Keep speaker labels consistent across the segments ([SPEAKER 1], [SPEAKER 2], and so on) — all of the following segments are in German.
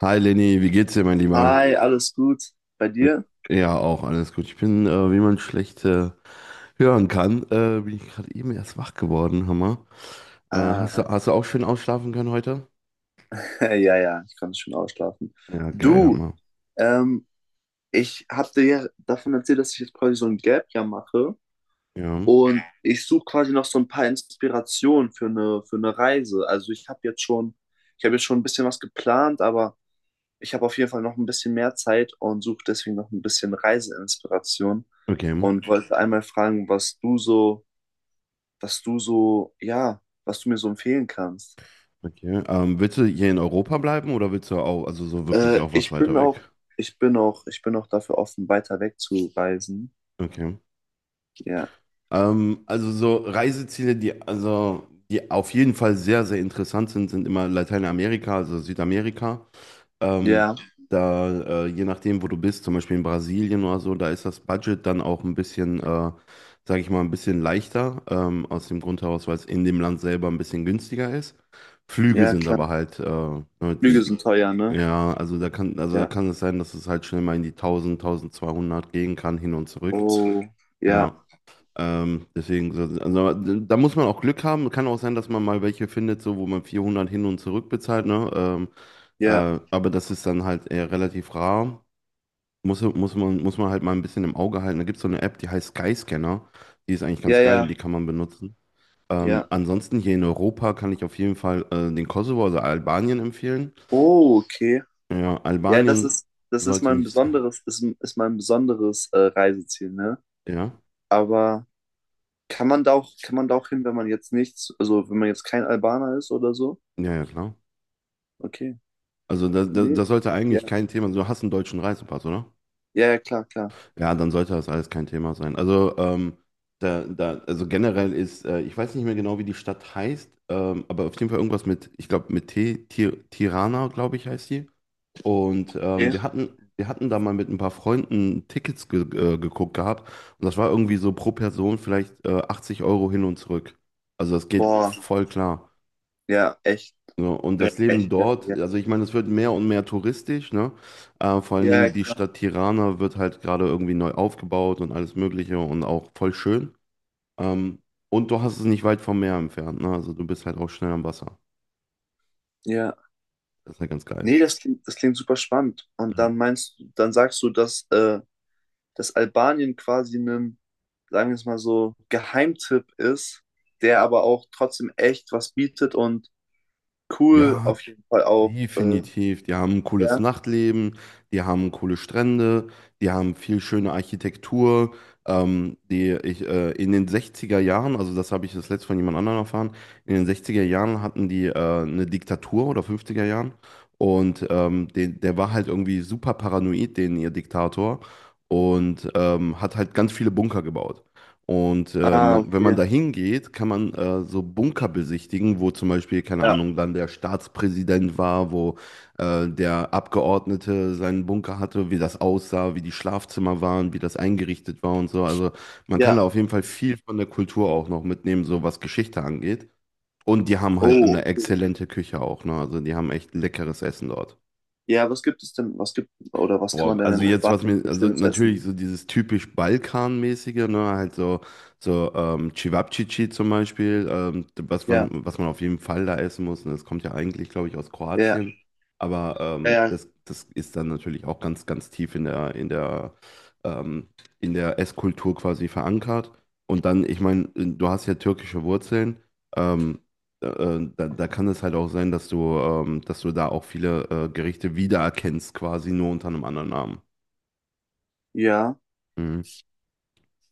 [SPEAKER 1] Hi Lenny, wie geht's dir, mein Lieber?
[SPEAKER 2] Hi, alles gut bei dir?
[SPEAKER 1] Ja, auch alles gut. Ich bin, wie man schlecht hören kann, bin ich gerade eben erst wach geworden, Hammer. Äh, hast du,
[SPEAKER 2] Ah,
[SPEAKER 1] hast du auch schön ausschlafen können heute?
[SPEAKER 2] ja, ja, ich konnte schon ausschlafen.
[SPEAKER 1] Ja, geil,
[SPEAKER 2] Du,
[SPEAKER 1] Hammer.
[SPEAKER 2] ähm, ich habe dir ja davon erzählt, dass ich jetzt quasi so ein Gap Year mache
[SPEAKER 1] Ja,
[SPEAKER 2] und ich suche quasi noch so ein paar Inspirationen für eine Reise. Also ich habe jetzt schon ein bisschen was geplant, aber ich habe auf jeden Fall noch ein bisschen mehr Zeit und suche deswegen noch ein bisschen Reiseinspiration
[SPEAKER 1] okay.
[SPEAKER 2] und wollte einmal fragen, ja, was du mir so empfehlen kannst.
[SPEAKER 1] Okay. Willst du hier in Europa bleiben oder willst du auch, also so wirklich
[SPEAKER 2] Äh,
[SPEAKER 1] auch was
[SPEAKER 2] ich
[SPEAKER 1] weiter
[SPEAKER 2] bin auch,
[SPEAKER 1] weg?
[SPEAKER 2] ich bin auch dafür offen, weiter weg zu reisen.
[SPEAKER 1] Okay.
[SPEAKER 2] Ja,
[SPEAKER 1] Also so Reiseziele, die auf jeden Fall sehr, sehr interessant sind, sind immer Lateinamerika, also Südamerika. Ähm,
[SPEAKER 2] ja,
[SPEAKER 1] da, je nachdem, wo du bist, zum Beispiel in Brasilien oder so, da ist das Budget dann auch ein bisschen, sage ich mal, ein bisschen leichter, aus dem Grund heraus, weil es in dem Land selber ein bisschen günstiger ist. Flüge
[SPEAKER 2] ja,
[SPEAKER 1] sind aber
[SPEAKER 2] klar.
[SPEAKER 1] halt, ne,
[SPEAKER 2] Flüge sind teuer, ne?
[SPEAKER 1] ja, also da kann, also da
[SPEAKER 2] Ja.
[SPEAKER 1] kann es sein, dass es halt schnell mal in die 1000 1200 gehen kann, hin und zurück.
[SPEAKER 2] Oh, ja,
[SPEAKER 1] Ja, deswegen, also, da muss man auch Glück haben. Kann auch sein, dass man mal welche findet, so, wo man 400 hin und zurück bezahlt, ne? Ähm,
[SPEAKER 2] ja,
[SPEAKER 1] äh, aber das ist dann halt eher relativ rar. Muss man halt mal ein bisschen im Auge halten. Da gibt es so eine App, die heißt Skyscanner. Die ist eigentlich ganz
[SPEAKER 2] ja,
[SPEAKER 1] geil, die
[SPEAKER 2] ja,
[SPEAKER 1] kann man benutzen. Ähm,
[SPEAKER 2] ja.
[SPEAKER 1] ansonsten hier in Europa kann ich auf jeden Fall den Kosovo, also Albanien empfehlen.
[SPEAKER 2] Oh, okay.
[SPEAKER 1] Ja,
[SPEAKER 2] Ja, das
[SPEAKER 1] Albanien
[SPEAKER 2] ist, das ist
[SPEAKER 1] sollte
[SPEAKER 2] mein
[SPEAKER 1] nicht.
[SPEAKER 2] besonderes, ist, ist mein besonderes Reiseziel, ne?
[SPEAKER 1] Ja,
[SPEAKER 2] Aber kann man da auch hin, wenn man jetzt nichts, also wenn man jetzt kein Albaner ist oder so?
[SPEAKER 1] ja, ja, klar.
[SPEAKER 2] Okay.
[SPEAKER 1] Also das, das,
[SPEAKER 2] Nee.
[SPEAKER 1] das sollte
[SPEAKER 2] Ja,
[SPEAKER 1] eigentlich kein Thema. Du hast einen deutschen Reisepass, oder?
[SPEAKER 2] ja, ja, klar, klar.
[SPEAKER 1] Ja, dann sollte das alles kein Thema sein. Also, da, also generell ist, ich weiß nicht mehr genau, wie die Stadt heißt, aber auf jeden Fall irgendwas mit, ich glaube, mit Tirana, glaube ich, heißt die. Und
[SPEAKER 2] Okay.
[SPEAKER 1] wir hatten da mal mit ein paar Freunden Tickets ge geguckt gehabt. Und das war irgendwie so pro Person vielleicht 80 € hin und zurück. Also das geht
[SPEAKER 2] Boah,
[SPEAKER 1] voll klar.
[SPEAKER 2] ja, echt,
[SPEAKER 1] So, und das Leben
[SPEAKER 2] echt geil,
[SPEAKER 1] dort,
[SPEAKER 2] ja.
[SPEAKER 1] also ich meine, es wird mehr und mehr touristisch, ne? Vor allen
[SPEAKER 2] Ja,
[SPEAKER 1] Dingen die
[SPEAKER 2] ja,
[SPEAKER 1] Stadt Tirana wird halt gerade irgendwie neu aufgebaut und alles Mögliche und auch voll schön. Ähm, und du hast es nicht weit vom Meer entfernt, ne? Also du bist halt auch schnell am Wasser.
[SPEAKER 2] ja.
[SPEAKER 1] Das ist halt ganz geil.
[SPEAKER 2] Nee, das klingt super spannend. Und
[SPEAKER 1] Mhm.
[SPEAKER 2] dann meinst du, dann sagst du, dass Albanien quasi einem, sagen wir es mal so, Geheimtipp ist, der aber auch trotzdem echt was bietet und cool
[SPEAKER 1] Ja,
[SPEAKER 2] auf jeden Fall auch.
[SPEAKER 1] definitiv. Die haben ein cooles
[SPEAKER 2] Ja.
[SPEAKER 1] Nachtleben, die haben coole Strände, die haben viel schöne Architektur, die ich in den 60er Jahren, also das habe ich das letzte von jemand anderem erfahren, in den 60er Jahren hatten die eine Diktatur oder 50er Jahren, und den, der war halt irgendwie super paranoid, den ihr Diktator, und hat halt ganz viele Bunker gebaut. Und
[SPEAKER 2] Ah,
[SPEAKER 1] man, wenn man da
[SPEAKER 2] okay.
[SPEAKER 1] hingeht, kann man so Bunker besichtigen, wo zum Beispiel, keine
[SPEAKER 2] Ja.
[SPEAKER 1] Ahnung, dann der Staatspräsident war, wo der Abgeordnete seinen Bunker hatte, wie das aussah, wie die Schlafzimmer waren, wie das eingerichtet war und so. Also man kann
[SPEAKER 2] Ja.
[SPEAKER 1] da auf jeden Fall viel von der Kultur auch noch mitnehmen, so was Geschichte angeht. Und die haben halt
[SPEAKER 2] Oh,
[SPEAKER 1] eine
[SPEAKER 2] okay.
[SPEAKER 1] exzellente Küche auch, ne? Also die haben echt leckeres Essen dort.
[SPEAKER 2] Ja, was gibt es denn? Was gibt oder was kann man
[SPEAKER 1] Boah,
[SPEAKER 2] denn
[SPEAKER 1] also
[SPEAKER 2] in
[SPEAKER 1] jetzt, was
[SPEAKER 2] Albanien
[SPEAKER 1] mir,
[SPEAKER 2] für
[SPEAKER 1] also
[SPEAKER 2] schönes Essen?
[SPEAKER 1] natürlich so dieses typisch Balkanmäßige, ne, halt so, Cevapcici zum Beispiel, was
[SPEAKER 2] Ja,
[SPEAKER 1] man, was man auf jeden Fall da essen muss. Und das kommt ja eigentlich, glaube ich, aus
[SPEAKER 2] ja,
[SPEAKER 1] Kroatien. Aber
[SPEAKER 2] ja, ja.
[SPEAKER 1] das ist dann natürlich auch ganz, ganz tief in der, ähm, in der Esskultur quasi verankert. Und dann, ich meine, du hast ja türkische Wurzeln. Ähm, da kann es halt auch sein, dass du da auch viele Gerichte wiedererkennst, quasi nur unter einem anderen Namen.
[SPEAKER 2] Ja.
[SPEAKER 1] Mhm.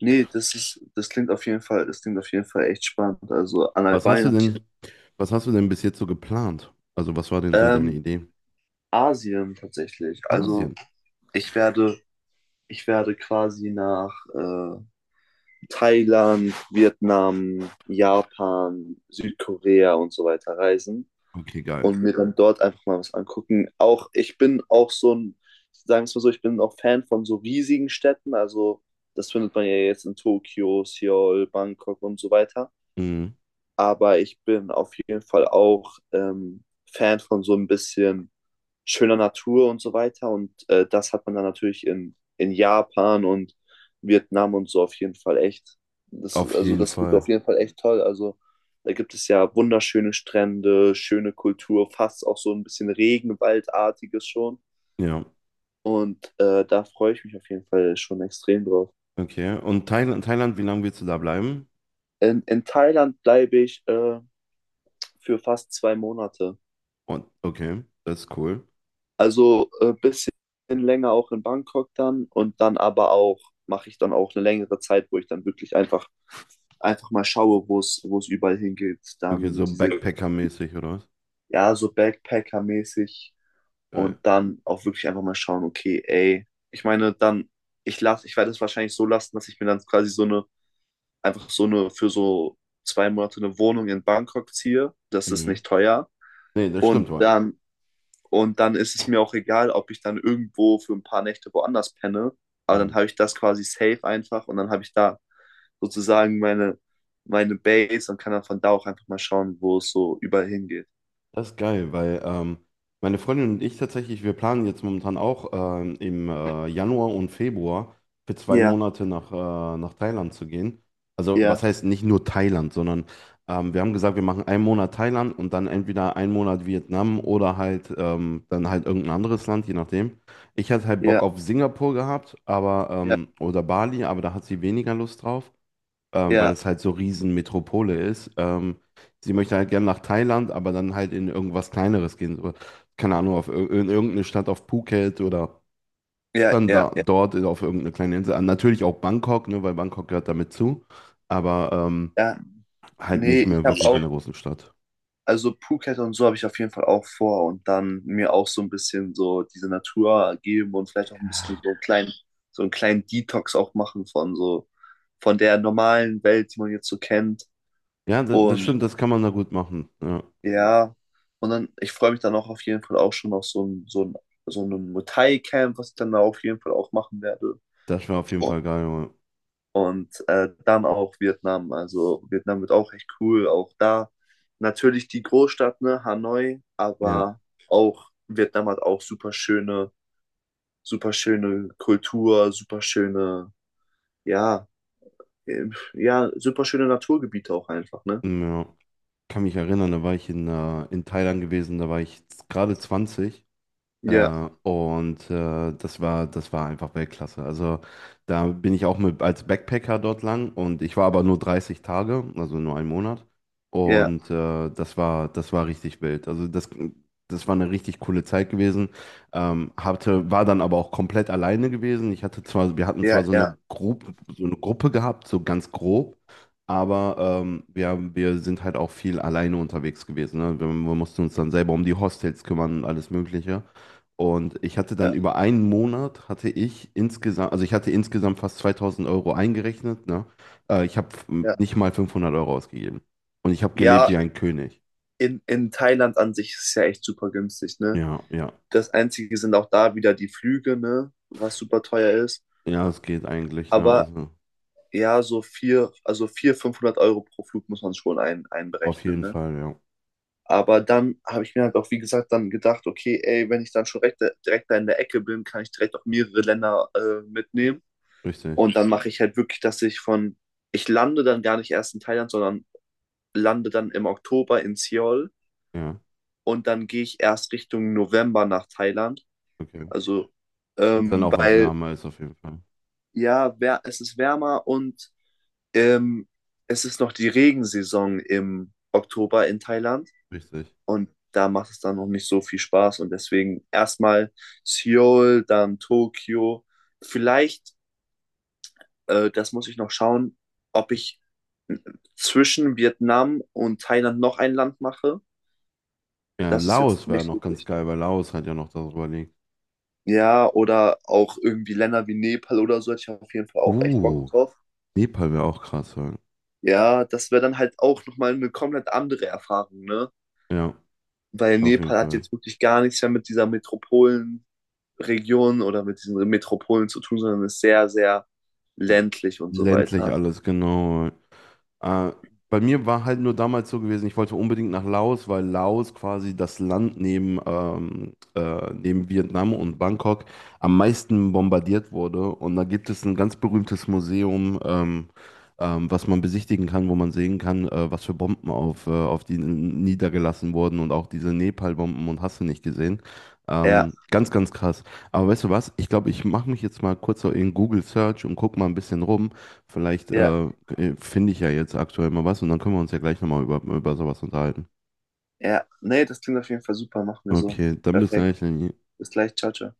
[SPEAKER 2] Nee, das ist, das klingt auf jeden Fall, das klingt auf jeden Fall echt spannend. Also an
[SPEAKER 1] Was hast
[SPEAKER 2] Albanien
[SPEAKER 1] du
[SPEAKER 2] habe ich.
[SPEAKER 1] denn, was hast du denn bis jetzt so geplant? Also was war denn so deine
[SPEAKER 2] Ähm,
[SPEAKER 1] Idee?
[SPEAKER 2] Asien tatsächlich. Also
[SPEAKER 1] Asien.
[SPEAKER 2] ich werde, ich werde quasi nach Thailand, Vietnam, Japan, Südkorea und so weiter reisen
[SPEAKER 1] Okay, geil.
[SPEAKER 2] und mir dann dort einfach mal was angucken. Auch ich bin auch so ein, sagen wir es mal so, ich bin auch Fan von so riesigen Städten. Also das findet man ja jetzt in Tokio, Seoul, Bangkok und so weiter.
[SPEAKER 1] Mhm.
[SPEAKER 2] Aber ich bin auf jeden Fall auch Fan von so ein bisschen schöner Natur und so weiter. Und das hat man dann natürlich in Japan und Vietnam und so auf jeden Fall echt. Das,
[SPEAKER 1] Auf
[SPEAKER 2] also
[SPEAKER 1] jeden
[SPEAKER 2] das wird
[SPEAKER 1] Fall.
[SPEAKER 2] auf jeden Fall echt toll. Also da gibt es ja wunderschöne Strände, schöne Kultur, fast auch so ein bisschen Regenwaldartiges schon.
[SPEAKER 1] Ja.
[SPEAKER 2] Und da freue ich mich auf jeden Fall schon extrem drauf.
[SPEAKER 1] Okay. Und Thailand, Thailand, wie lange willst du da bleiben?
[SPEAKER 2] In Thailand bleibe ich für fast 2 Monate.
[SPEAKER 1] Und okay, das ist cool.
[SPEAKER 2] Also ein bisschen länger auch in Bangkok dann und dann aber auch, mache ich dann auch eine längere Zeit, wo ich dann wirklich einfach, einfach mal schaue, wo es überall hingeht.
[SPEAKER 1] Okay,
[SPEAKER 2] Dann
[SPEAKER 1] so
[SPEAKER 2] diese,
[SPEAKER 1] Backpacker-mäßig, oder was?
[SPEAKER 2] ja, so Backpacker-mäßig
[SPEAKER 1] Geil.
[SPEAKER 2] und dann auch wirklich einfach mal schauen, okay, ey, ich meine, dann, ich lasse, ich werde es wahrscheinlich so lassen, dass ich mir dann quasi so eine, einfach so eine, für so 2 Monate eine Wohnung in Bangkok ziehe. Das ist
[SPEAKER 1] Mhm.
[SPEAKER 2] nicht teuer.
[SPEAKER 1] Nee, das stimmt
[SPEAKER 2] Und
[SPEAKER 1] wohl.
[SPEAKER 2] dann und dann ist es mir auch egal, ob ich dann irgendwo für ein paar Nächte woanders penne. Aber dann habe ich das quasi safe einfach und dann habe ich da sozusagen meine, meine Base und kann dann von da auch einfach mal schauen, wo es so überall hingeht.
[SPEAKER 1] Das ist geil, weil meine Freundin und ich tatsächlich, wir planen jetzt momentan auch im Januar und Februar für zwei
[SPEAKER 2] Ja,
[SPEAKER 1] Monate nach, nach Thailand zu gehen. Also was
[SPEAKER 2] ja,
[SPEAKER 1] heißt nicht nur Thailand, sondern wir haben gesagt, wir machen einen Monat Thailand und dann entweder einen Monat Vietnam oder halt dann halt irgendein anderes Land, je nachdem. Ich hatte halt Bock
[SPEAKER 2] ja,
[SPEAKER 1] auf Singapur gehabt, aber
[SPEAKER 2] ja,
[SPEAKER 1] oder Bali, aber da hat sie weniger Lust drauf, weil
[SPEAKER 2] ja,
[SPEAKER 1] es halt so riesen Metropole ist. Sie möchte halt gern nach Thailand, aber dann halt in irgendwas Kleineres gehen. So, keine Ahnung, auf, in irgendeine Stadt auf Phuket oder
[SPEAKER 2] ja,
[SPEAKER 1] dann
[SPEAKER 2] ja,
[SPEAKER 1] da,
[SPEAKER 2] ja.
[SPEAKER 1] dort auf irgendeine kleine Insel. Ah, natürlich auch Bangkok, ne, weil Bangkok gehört damit zu, aber
[SPEAKER 2] Ja.
[SPEAKER 1] halt
[SPEAKER 2] Nee,
[SPEAKER 1] nicht
[SPEAKER 2] ich
[SPEAKER 1] mehr
[SPEAKER 2] habe
[SPEAKER 1] wirklich
[SPEAKER 2] auch,
[SPEAKER 1] in der großen Stadt.
[SPEAKER 2] also Phuket und so habe ich auf jeden Fall auch vor und dann mir auch so ein bisschen so diese Natur geben und vielleicht auch ein bisschen
[SPEAKER 1] Ja.
[SPEAKER 2] so einen kleinen Detox auch machen von so, von der normalen Welt, die man jetzt so kennt.
[SPEAKER 1] Ja, das
[SPEAKER 2] Und
[SPEAKER 1] stimmt, das kann man da gut machen. Ja,
[SPEAKER 2] ja, und dann, ich freue mich dann auch auf jeden Fall auch schon auf so ein Muay Thai-Camp, was ich dann da auf jeden Fall auch machen werde.
[SPEAKER 1] das war auf jeden Fall geil. Junge.
[SPEAKER 2] Und dann auch Vietnam. Also Vietnam wird auch echt cool. Auch da natürlich die Großstadt, ne, Hanoi,
[SPEAKER 1] Ja,
[SPEAKER 2] aber auch Vietnam hat auch super schöne Kultur, super schöne, ja, äh, ja, super schöne Naturgebiete auch einfach, ne?
[SPEAKER 1] mm, ja. Kann mich erinnern, da war ich in Thailand gewesen, da war ich gerade 20.
[SPEAKER 2] Ja,
[SPEAKER 1] Und das war einfach Weltklasse. Also da bin ich auch mit als Backpacker dort lang, und ich war aber nur 30 Tage, also nur einen Monat.
[SPEAKER 2] ja,
[SPEAKER 1] Und das war richtig wild. Also das war eine richtig coole Zeit gewesen. War dann aber auch komplett alleine gewesen. Wir hatten zwar
[SPEAKER 2] ja,
[SPEAKER 1] so eine
[SPEAKER 2] ja,
[SPEAKER 1] Gruppe, gehabt, so ganz grob. Aber ähm, wir, wir sind halt auch viel alleine unterwegs gewesen. Ne? Wir mussten uns dann selber um die Hostels kümmern und alles Mögliche. Und ich hatte dann
[SPEAKER 2] ja,
[SPEAKER 1] über einen Monat, also ich hatte insgesamt fast 2000 € eingerechnet, ne? Ich habe
[SPEAKER 2] ja.
[SPEAKER 1] nicht mal 500 € ausgegeben. Und ich habe gelebt
[SPEAKER 2] Ja,
[SPEAKER 1] wie ein König.
[SPEAKER 2] in Thailand an sich ist es ja echt super günstig, ne?
[SPEAKER 1] Ja, ja.
[SPEAKER 2] Das Einzige sind auch da wieder die Flüge, ne? Was super teuer ist.
[SPEAKER 1] Ja, es geht eigentlich, ne?
[SPEAKER 2] Aber
[SPEAKER 1] Also
[SPEAKER 2] ja, so 500 € pro Flug muss man schon ein,
[SPEAKER 1] auf
[SPEAKER 2] einberechnen,
[SPEAKER 1] jeden
[SPEAKER 2] ne?
[SPEAKER 1] Fall, ja.
[SPEAKER 2] Aber dann habe ich mir halt auch, wie gesagt, dann gedacht, okay, ey, wenn ich dann schon direkt da in der Ecke bin, kann ich direkt auch mehrere Länder mitnehmen.
[SPEAKER 1] Richtig.
[SPEAKER 2] Und dann mache ich halt wirklich, dass ich von, ich lande dann gar nicht erst in Thailand, sondern lande dann im Oktober in Seoul
[SPEAKER 1] Ja,
[SPEAKER 2] und dann gehe ich erst Richtung November nach Thailand.
[SPEAKER 1] okay.
[SPEAKER 2] Also,
[SPEAKER 1] Ist dann auch was
[SPEAKER 2] weil,
[SPEAKER 1] wärmer ist auf jeden Fall.
[SPEAKER 2] ja, es ist wärmer und Ähm, es ist noch die Regensaison im Oktober in Thailand
[SPEAKER 1] Richtig.
[SPEAKER 2] und da macht es dann noch nicht so viel Spaß und deswegen erstmal Seoul, dann Tokio. Vielleicht, das muss ich noch schauen, ob ich zwischen Vietnam und Thailand noch ein Land mache.
[SPEAKER 1] Ja,
[SPEAKER 2] Das ist jetzt
[SPEAKER 1] Laos wäre
[SPEAKER 2] nicht
[SPEAKER 1] noch ganz
[SPEAKER 2] möglich.
[SPEAKER 1] geil, weil Laos hat ja noch darüber liegt.
[SPEAKER 2] Ja, oder auch irgendwie Länder wie Nepal oder so, hätte ich auf jeden Fall auch echt Bock
[SPEAKER 1] Uh,
[SPEAKER 2] drauf.
[SPEAKER 1] Nepal wäre auch krass, ja.
[SPEAKER 2] Ja, das wäre dann halt auch nochmal eine komplett andere Erfahrung, ne?
[SPEAKER 1] Ja,
[SPEAKER 2] Weil
[SPEAKER 1] auf jeden
[SPEAKER 2] Nepal hat
[SPEAKER 1] Fall.
[SPEAKER 2] jetzt wirklich gar nichts mehr mit dieser Metropolenregion oder mit diesen Metropolen zu tun, sondern ist sehr, sehr ländlich und so
[SPEAKER 1] Ländlich
[SPEAKER 2] weiter.
[SPEAKER 1] alles, genau. Äh, bei mir war halt nur damals so gewesen, ich wollte unbedingt nach Laos, weil Laos quasi das Land neben Vietnam und Bangkok am meisten bombardiert wurde. Und da gibt es ein ganz berühmtes Museum, was man besichtigen kann, wo man sehen kann, was für Bomben auf die niedergelassen wurden und auch diese Nepal-Bomben und hast du nicht gesehen.
[SPEAKER 2] Ja,
[SPEAKER 1] Ganz, ganz krass. Aber weißt du was? Ich glaube, ich mache mich jetzt mal kurz so in Google Search und guck mal ein bisschen rum. Vielleicht
[SPEAKER 2] ja,
[SPEAKER 1] finde ich ja jetzt aktuell mal was, und dann können wir uns ja gleich nochmal über sowas unterhalten.
[SPEAKER 2] ja. Nee, das klingt auf jeden Fall super, machen wir so.
[SPEAKER 1] Okay, dann bis
[SPEAKER 2] Perfekt.
[SPEAKER 1] gleich, Lenny.
[SPEAKER 2] Bis gleich, ciao, ciao.